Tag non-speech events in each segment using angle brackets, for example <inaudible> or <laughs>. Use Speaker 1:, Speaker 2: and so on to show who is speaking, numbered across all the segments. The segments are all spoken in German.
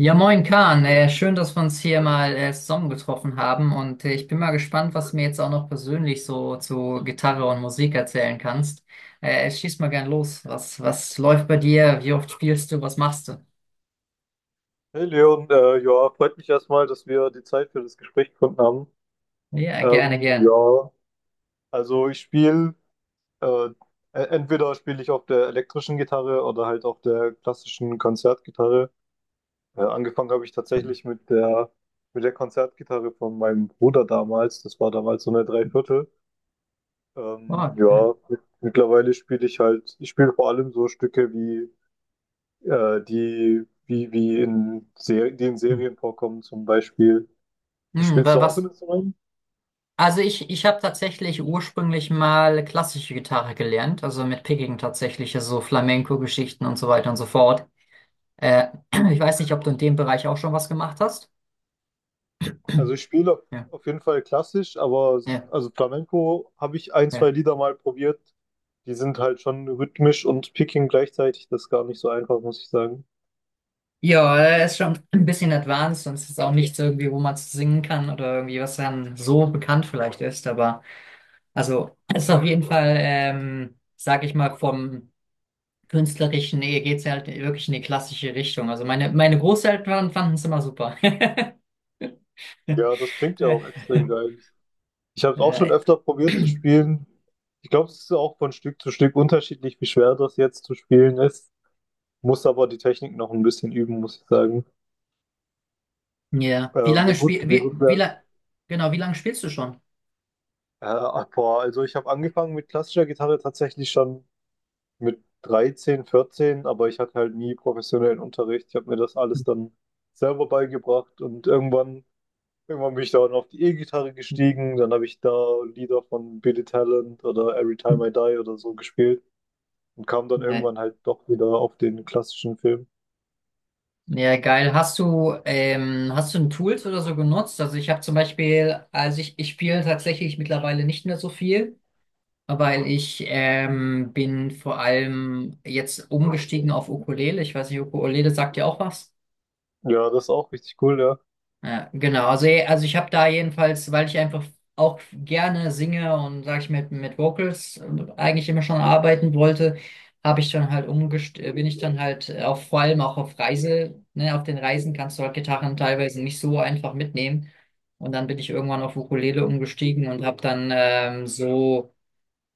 Speaker 1: Ja, moin Kahn. Schön, dass wir uns hier mal zusammengetroffen haben und ich bin mal gespannt, was du mir jetzt auch noch persönlich so zu Gitarre und Musik erzählen kannst. Schieß mal gern los. Was läuft bei dir? Wie oft spielst du? Was machst du?
Speaker 2: Hey Leon, ja, freut mich erstmal, dass wir die Zeit für das Gespräch gefunden haben.
Speaker 1: Ja, gerne, gerne.
Speaker 2: Ja, also ich äh, e- entweder spiele ich auf der elektrischen Gitarre oder halt auf der klassischen Konzertgitarre. Angefangen habe ich tatsächlich mit der Konzertgitarre von meinem Bruder damals. Das war damals so eine Dreiviertel.
Speaker 1: Okay.
Speaker 2: Ja, mittlerweile ich spiele vor allem so Stücke wie, die, wie, wie in Ser die in
Speaker 1: Hm,
Speaker 2: Serien vorkommen zum Beispiel.
Speaker 1: hm,
Speaker 2: Spielst du auch
Speaker 1: was?
Speaker 2: in Instrument?
Speaker 1: Also ich habe tatsächlich ursprünglich mal klassische Gitarre gelernt, also mit Picking tatsächlich, also so Flamenco-Geschichten und so weiter und so fort. Äh, <clears throat> ich weiß nicht, ob du in dem Bereich auch schon was gemacht hast.
Speaker 2: Also ich spiele auf
Speaker 1: Ja,
Speaker 2: auf jeden Fall klassisch, aber
Speaker 1: ja.
Speaker 2: also Flamenco habe ich ein,
Speaker 1: Ja.
Speaker 2: zwei Lieder mal probiert. Die sind halt schon rhythmisch und picking gleichzeitig. Das ist gar nicht so einfach, muss ich sagen.
Speaker 1: Ja, er ist schon ein bisschen advanced und es ist auch nichts irgendwie, wo man es singen kann oder irgendwie, was dann so bekannt vielleicht ist. Aber also es ist auf jeden Fall, sag ich mal, vom Künstlerischen her geht's halt wirklich in die klassische Richtung. Also meine Großeltern fanden es immer super. <laughs>
Speaker 2: Ja, das klingt ja auch extrem geil. Ich habe es auch schon
Speaker 1: Äh,
Speaker 2: öfter probiert zu spielen. Ich glaube, es ist auch von Stück zu Stück unterschiedlich, wie schwer das jetzt zu spielen ist. Muss aber die Technik noch ein bisschen üben, muss ich sagen.
Speaker 1: Ja.
Speaker 2: Äh,
Speaker 1: Wie lange spiel,
Speaker 2: wie
Speaker 1: wie,
Speaker 2: gut
Speaker 1: wie
Speaker 2: wäre.
Speaker 1: lang, genau, wie lange spielst du schon?
Speaker 2: Boah, also ich habe angefangen mit klassischer Gitarre tatsächlich schon mit 13, 14, aber ich hatte halt nie professionellen Unterricht. Ich habe mir das alles dann selber beigebracht und irgendwann bin ich dann auf die E-Gitarre gestiegen. Dann habe ich da Lieder von Billy Talent oder Every Time I Die oder so gespielt und kam dann
Speaker 1: Ja,
Speaker 2: irgendwann halt doch wieder auf den klassischen Film.
Speaker 1: ja, geil. Hast du ein Tools oder so genutzt? Also ich habe zum Beispiel, also ich spiele tatsächlich mittlerweile nicht mehr so viel, weil ich bin vor allem jetzt umgestiegen auf Ukulele. Ich weiß nicht, Ukulele sagt dir auch was?
Speaker 2: Ja, das ist auch richtig cool, ja.
Speaker 1: Ja, genau. Also, also ich habe da jedenfalls, weil ich einfach auch gerne singe und sage ich mit Vocals eigentlich immer schon arbeiten wollte, habe ich dann halt umgest bin ich dann halt auf vor allem auch auf Reise, ne, auf den Reisen kannst du halt Gitarren teilweise nicht so einfach mitnehmen. Und dann bin ich irgendwann auf Ukulele umgestiegen und habe dann so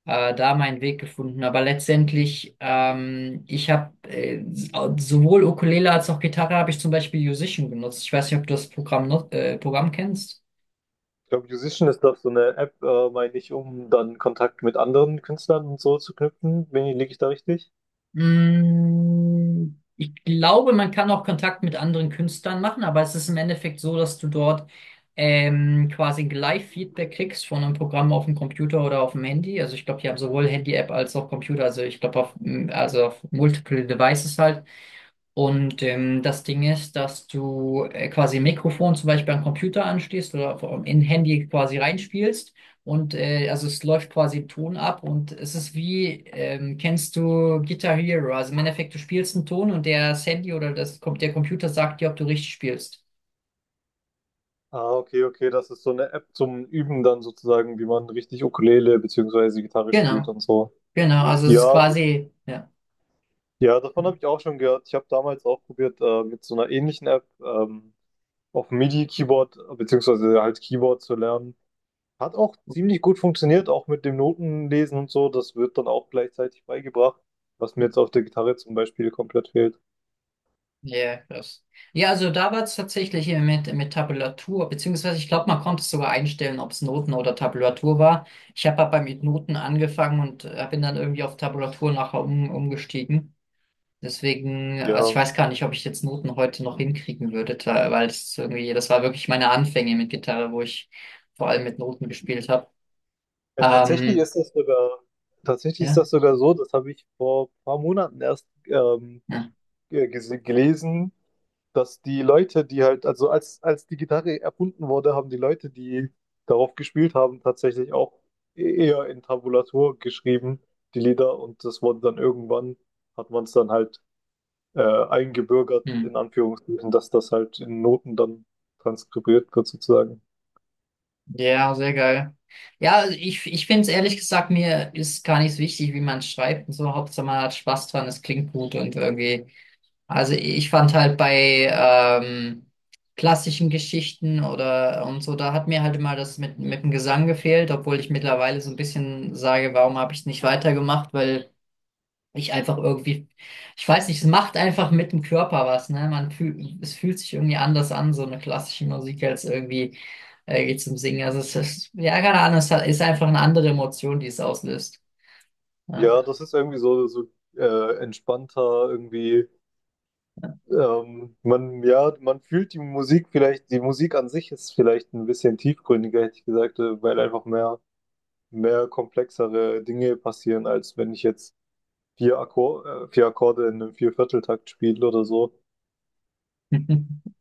Speaker 1: da meinen Weg gefunden. Aber letztendlich, ich habe sowohl Ukulele als auch Gitarre habe ich zum Beispiel Musician genutzt. Ich weiß nicht, ob du das Programm, not, Programm kennst.
Speaker 2: Ich glaube, Musician ist doch so eine App, meine ich, um dann Kontakt mit anderen Künstlern und so zu knüpfen. Wenn, liege ich da richtig?
Speaker 1: Mm, ich glaube, man kann auch Kontakt mit anderen Künstlern machen, aber es ist im Endeffekt so, dass du dort quasi ein Live-Feedback kriegst von einem Programm auf dem Computer oder auf dem Handy. Also ich glaube, die haben sowohl Handy-App als auch Computer, also ich glaube auf, also auf Multiple Devices halt. Und das Ding ist, dass du quasi ein Mikrofon zum Beispiel am Computer anschließt oder in Handy quasi reinspielst. Und also es läuft quasi im Ton ab und es ist wie, kennst du Guitar Hero? Also im Endeffekt, du spielst einen Ton und der das Handy oder der Computer sagt dir, ob du richtig spielst.
Speaker 2: Ah, okay, okay, das ist so eine App zum Üben dann sozusagen, wie man richtig Ukulele beziehungsweise Gitarre spielt
Speaker 1: Genau,
Speaker 2: und so.
Speaker 1: genau. Also es ist
Speaker 2: Ja,
Speaker 1: quasi, ja.
Speaker 2: ja, davon habe ich auch schon gehört. Ich habe damals auch probiert, mit so einer ähnlichen App auf MIDI-Keyboard beziehungsweise halt Keyboard zu lernen. Hat auch ziemlich gut funktioniert, auch mit dem Notenlesen und so. Das wird dann auch gleichzeitig beigebracht, was mir jetzt auf der Gitarre zum Beispiel komplett fehlt.
Speaker 1: Ja, krass. Ja, also da war es tatsächlich hier mit Tabulatur, beziehungsweise ich glaube, man konnte es sogar einstellen, ob es Noten oder Tabulatur war. Ich habe aber mit Noten angefangen und bin dann irgendwie auf Tabulatur nachher umgestiegen. Deswegen, also ich
Speaker 2: Ja,
Speaker 1: weiß gar nicht, ob ich jetzt Noten heute noch hinkriegen würde, weil es irgendwie, das war wirklich meine Anfänge mit Gitarre, wo ich vor allem mit Noten gespielt habe.
Speaker 2: äh, tatsächlich
Speaker 1: Ähm,
Speaker 2: ist das sogar, tatsächlich ist
Speaker 1: ja,
Speaker 2: das sogar so, das habe ich vor ein paar Monaten erst
Speaker 1: ja.
Speaker 2: gelesen, dass die Leute, die halt, also als, als die Gitarre erfunden wurde, haben die Leute, die darauf gespielt haben, tatsächlich auch eher in Tabulatur geschrieben, die Lieder. Und das wurde hat man es dann halt äh, eingebürgert, in
Speaker 1: Hm.
Speaker 2: Anführungsstrichen, dass das halt in Noten dann transkribiert wird, sozusagen.
Speaker 1: Ja, sehr geil. Ja, also ich finde es ehrlich gesagt, mir ist gar nicht so wichtig, wie man schreibt und so. Hauptsache man hat Spaß dran, es klingt gut und irgendwie. Also ich fand halt bei klassischen Geschichten oder und so, da hat mir halt immer das mit dem Gesang gefehlt, obwohl ich mittlerweile so ein bisschen sage, warum habe ich es nicht weitergemacht, weil ich einfach irgendwie, ich weiß nicht, es macht einfach mit dem Körper was, ne? Man fühlt, es fühlt sich irgendwie anders an, so eine klassische Musik als irgendwie geht zum Singen. Also es ist, ja, keine Ahnung, ist einfach eine andere Emotion, die es auslöst. Ja.
Speaker 2: Ja, das ist irgendwie so entspannter, irgendwie. Man, ja, man fühlt die Musik vielleicht, die Musik an sich ist vielleicht ein bisschen tiefgründiger, hätte ich gesagt, weil mehr komplexere Dinge passieren, als wenn ich jetzt vier Akkorde in einem Viervierteltakt spiele oder so.
Speaker 1: <laughs>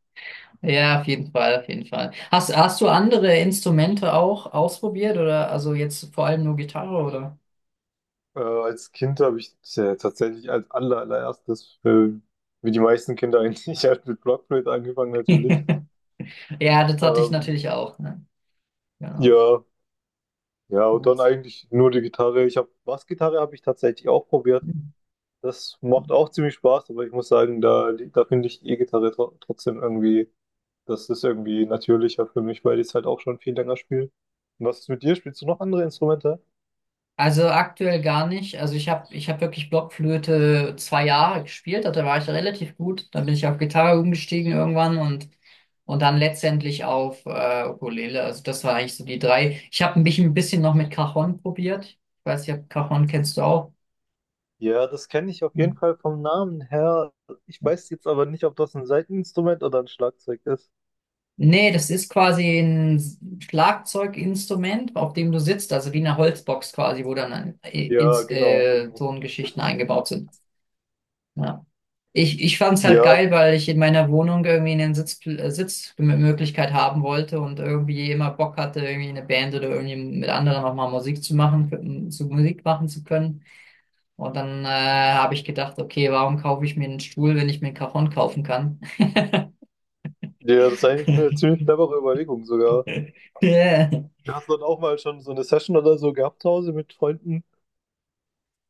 Speaker 1: Ja, auf jeden Fall, auf jeden Fall. Hast du andere Instrumente auch ausprobiert oder also jetzt vor allem nur Gitarre oder?
Speaker 2: Als Kind habe ich tatsächlich allererstes, wie die meisten Kinder eigentlich, <laughs> halt mit Blockflöte angefangen natürlich.
Speaker 1: Ja, das hatte ich
Speaker 2: Ähm,
Speaker 1: natürlich auch, ne? Genau.
Speaker 2: ja, ja, und dann
Speaker 1: Nice.
Speaker 2: eigentlich nur die Gitarre. Ich habe Bassgitarre habe ich tatsächlich auch probiert. Das macht auch ziemlich Spaß, aber ich muss sagen, da finde ich E-Gitarre trotzdem irgendwie, das ist irgendwie natürlicher für mich, weil ich es halt auch schon viel länger spiele. Und was ist mit dir? Spielst du noch andere Instrumente?
Speaker 1: Also aktuell gar nicht. Also ich hab wirklich Blockflöte 2 Jahre gespielt, also da war ich relativ gut. Dann bin ich auf Gitarre umgestiegen irgendwann und dann letztendlich auf Ukulele. Also das war eigentlich so die drei. Ich habe mich ein bisschen noch mit Cajon probiert. Ich weiß nicht, ob Cajon kennst du auch.
Speaker 2: Ja, das kenne ich auf jeden Fall vom Namen her. Ich weiß jetzt aber nicht, ob das ein Saiteninstrument oder ein Schlagzeug ist.
Speaker 1: Nee, das ist quasi ein Schlagzeuginstrument, auf dem du sitzt, also wie eine Holzbox quasi, wo dann
Speaker 2: Ja, genau, genau.
Speaker 1: so ein Geschichten eingebaut sind. Ja. Ich fand es halt
Speaker 2: Ja,
Speaker 1: geil, weil ich in meiner Wohnung irgendwie eine Sitzmöglichkeit haben wollte und irgendwie immer Bock hatte, irgendwie eine Band oder irgendwie mit anderen auch mal zu Musik machen zu können. Und dann habe ich gedacht, okay, warum kaufe ich mir einen Stuhl, wenn ich mir einen Cajon kaufen kann?
Speaker 2: ja, das ist eigentlich eine ziemlich clevere Überlegung sogar.
Speaker 1: <laughs>
Speaker 2: Hast du dann auch mal schon so eine Session oder so gehabt zu Hause mit Freunden?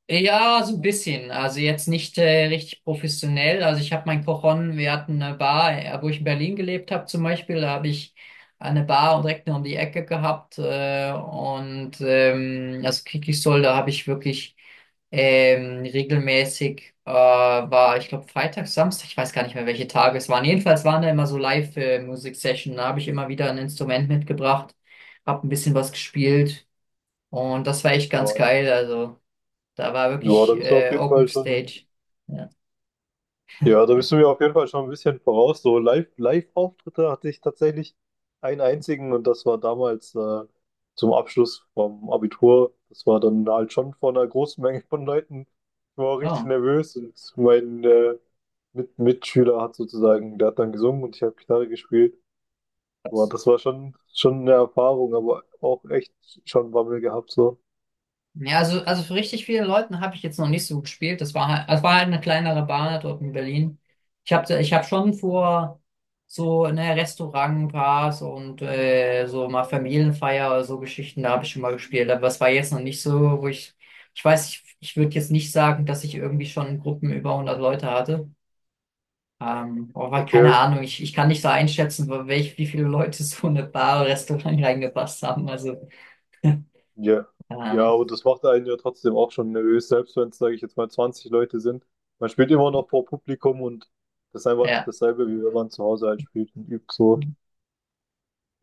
Speaker 1: Ja, so ein bisschen. Also jetzt nicht richtig professionell. Also ich habe mein Kochon, wir hatten eine Bar, wo ich in Berlin gelebt habe zum Beispiel, da habe ich eine Bar direkt nur um die Ecke gehabt. Also Kikisol, da habe ich wirklich regelmäßig, war ich glaube Freitag, Samstag, ich weiß gar nicht mehr, welche Tage es waren. Jedenfalls waren da immer so Live-Musik-Session. Da habe ich immer wieder ein Instrument mitgebracht, habe ein bisschen was gespielt und das war echt
Speaker 2: Ja,
Speaker 1: ganz geil. Also. Da war
Speaker 2: ja, da
Speaker 1: wirklich
Speaker 2: bist du auf jeden
Speaker 1: Open
Speaker 2: Fall schon
Speaker 1: Stage. Ja.
Speaker 2: Ja, da bist du mir auf jeden Fall schon ein bisschen voraus. So Live-Auftritte hatte ich tatsächlich einen einzigen und das war damals zum Abschluss vom Abitur. Das war dann halt schon vor einer großen Menge von Leuten. Ich war auch richtig
Speaker 1: Oh,
Speaker 2: nervös und mein Mitschüler hat sozusagen, der hat dann gesungen und ich habe Gitarre gespielt. Boah,
Speaker 1: krass.
Speaker 2: das war schon eine Erfahrung, aber auch echt schon Bammel gehabt so.
Speaker 1: Ja, also für richtig viele Leuten habe ich jetzt noch nicht so gespielt. Das war halt eine kleinere Bar dort in Berlin. Ich hab schon vor so ne, Restaurantbars und so mal Familienfeier oder so Geschichten, da habe ich schon mal gespielt. Aber es war jetzt noch nicht so, wo ich weiß, ich würde jetzt nicht sagen, dass ich irgendwie schon Gruppen über 100 Leute hatte. Aber
Speaker 2: Okay.
Speaker 1: keine Ahnung, ich kann nicht so einschätzen, wie viele Leute so eine Bar oder Restaurant <laughs> reingepasst haben. Also,
Speaker 2: Ja.
Speaker 1: <laughs>
Speaker 2: Ja,
Speaker 1: ähm,
Speaker 2: aber das macht einen ja trotzdem auch schon nervös, selbst wenn es, sage ich jetzt mal, 20 Leute sind. Man spielt immer noch vor Publikum und das ist einfach nicht
Speaker 1: ja.
Speaker 2: dasselbe, wie wenn man zu Hause halt spielt und übt so.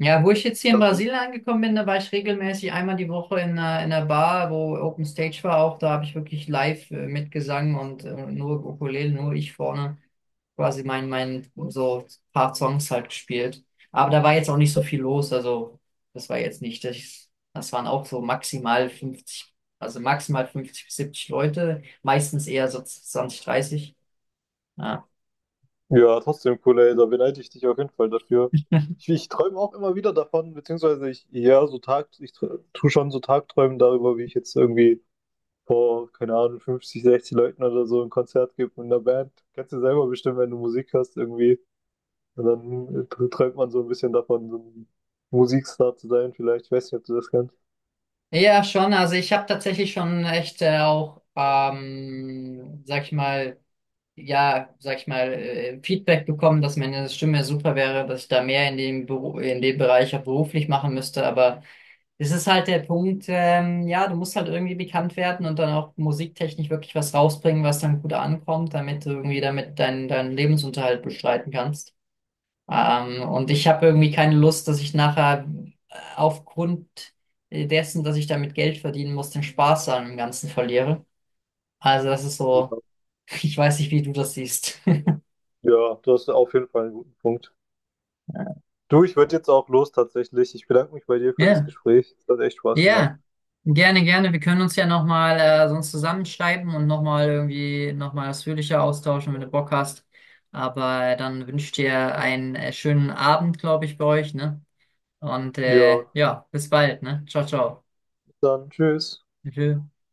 Speaker 1: Ja, wo ich jetzt hier in
Speaker 2: Das ist,
Speaker 1: Brasilien angekommen bin, da war ich regelmäßig einmal die Woche in einer Bar, wo Open Stage war auch. Da habe ich wirklich live mitgesungen und nur Ukulele, nur ich vorne quasi mein, mein so paar Songs halt gespielt. Aber da war jetzt auch nicht so viel los. Also das war jetzt nicht, das, das waren auch so maximal 50, also maximal 50 bis 70 Leute, meistens eher so 20, 30. Ja.
Speaker 2: ja, trotzdem cool, ey, da beneide ich dich auf jeden Fall dafür. Ich träume auch immer wieder davon, beziehungsweise ich, ja, tu schon so Tagträumen darüber, wie ich jetzt irgendwie vor, keine Ahnung, 50, 60 Leuten oder so ein Konzert gebe mit einer Band. Kennst du selber bestimmt, wenn du Musik hörst, irgendwie. Und dann träumt man so ein bisschen davon, so ein Musikstar zu sein, vielleicht. Ich weiß nicht, ob du das kennst.
Speaker 1: Ja, schon. Also ich habe tatsächlich schon echt sag ich mal, ja, sag ich mal, Feedback bekommen, dass meine Stimme super wäre, dass ich da mehr in dem Beru in dem Bereich auch beruflich machen müsste. Aber es ist halt der Punkt, ja, du musst halt irgendwie bekannt werden und dann auch musiktechnisch wirklich was rausbringen, was dann gut ankommt, damit du irgendwie damit deinen Lebensunterhalt bestreiten kannst. Und ich habe irgendwie keine Lust, dass ich nachher aufgrund dessen, dass ich damit Geld verdienen muss, den Spaß an dem Ganzen verliere. Also das ist so,
Speaker 2: Ja.
Speaker 1: <laughs> ich weiß nicht, wie du das siehst. <laughs>
Speaker 2: Ja, du hast auf jeden Fall einen guten Punkt. Du, ich würde jetzt auch los tatsächlich. Ich bedanke mich bei dir für das
Speaker 1: Ja,
Speaker 2: Gespräch. Es hat echt Spaß gemacht.
Speaker 1: ja, gerne, gerne. Wir können uns ja nochmal sonst zusammenschreiben und nochmal irgendwie nochmal ausführlicher austauschen, wenn du Bock hast. Aber dann wünsche ich dir einen schönen Abend, glaube ich, bei euch, ne? Und
Speaker 2: Ja,
Speaker 1: ja, bis bald, ne? Ciao, ciao.
Speaker 2: dann tschüss.
Speaker 1: Tschö.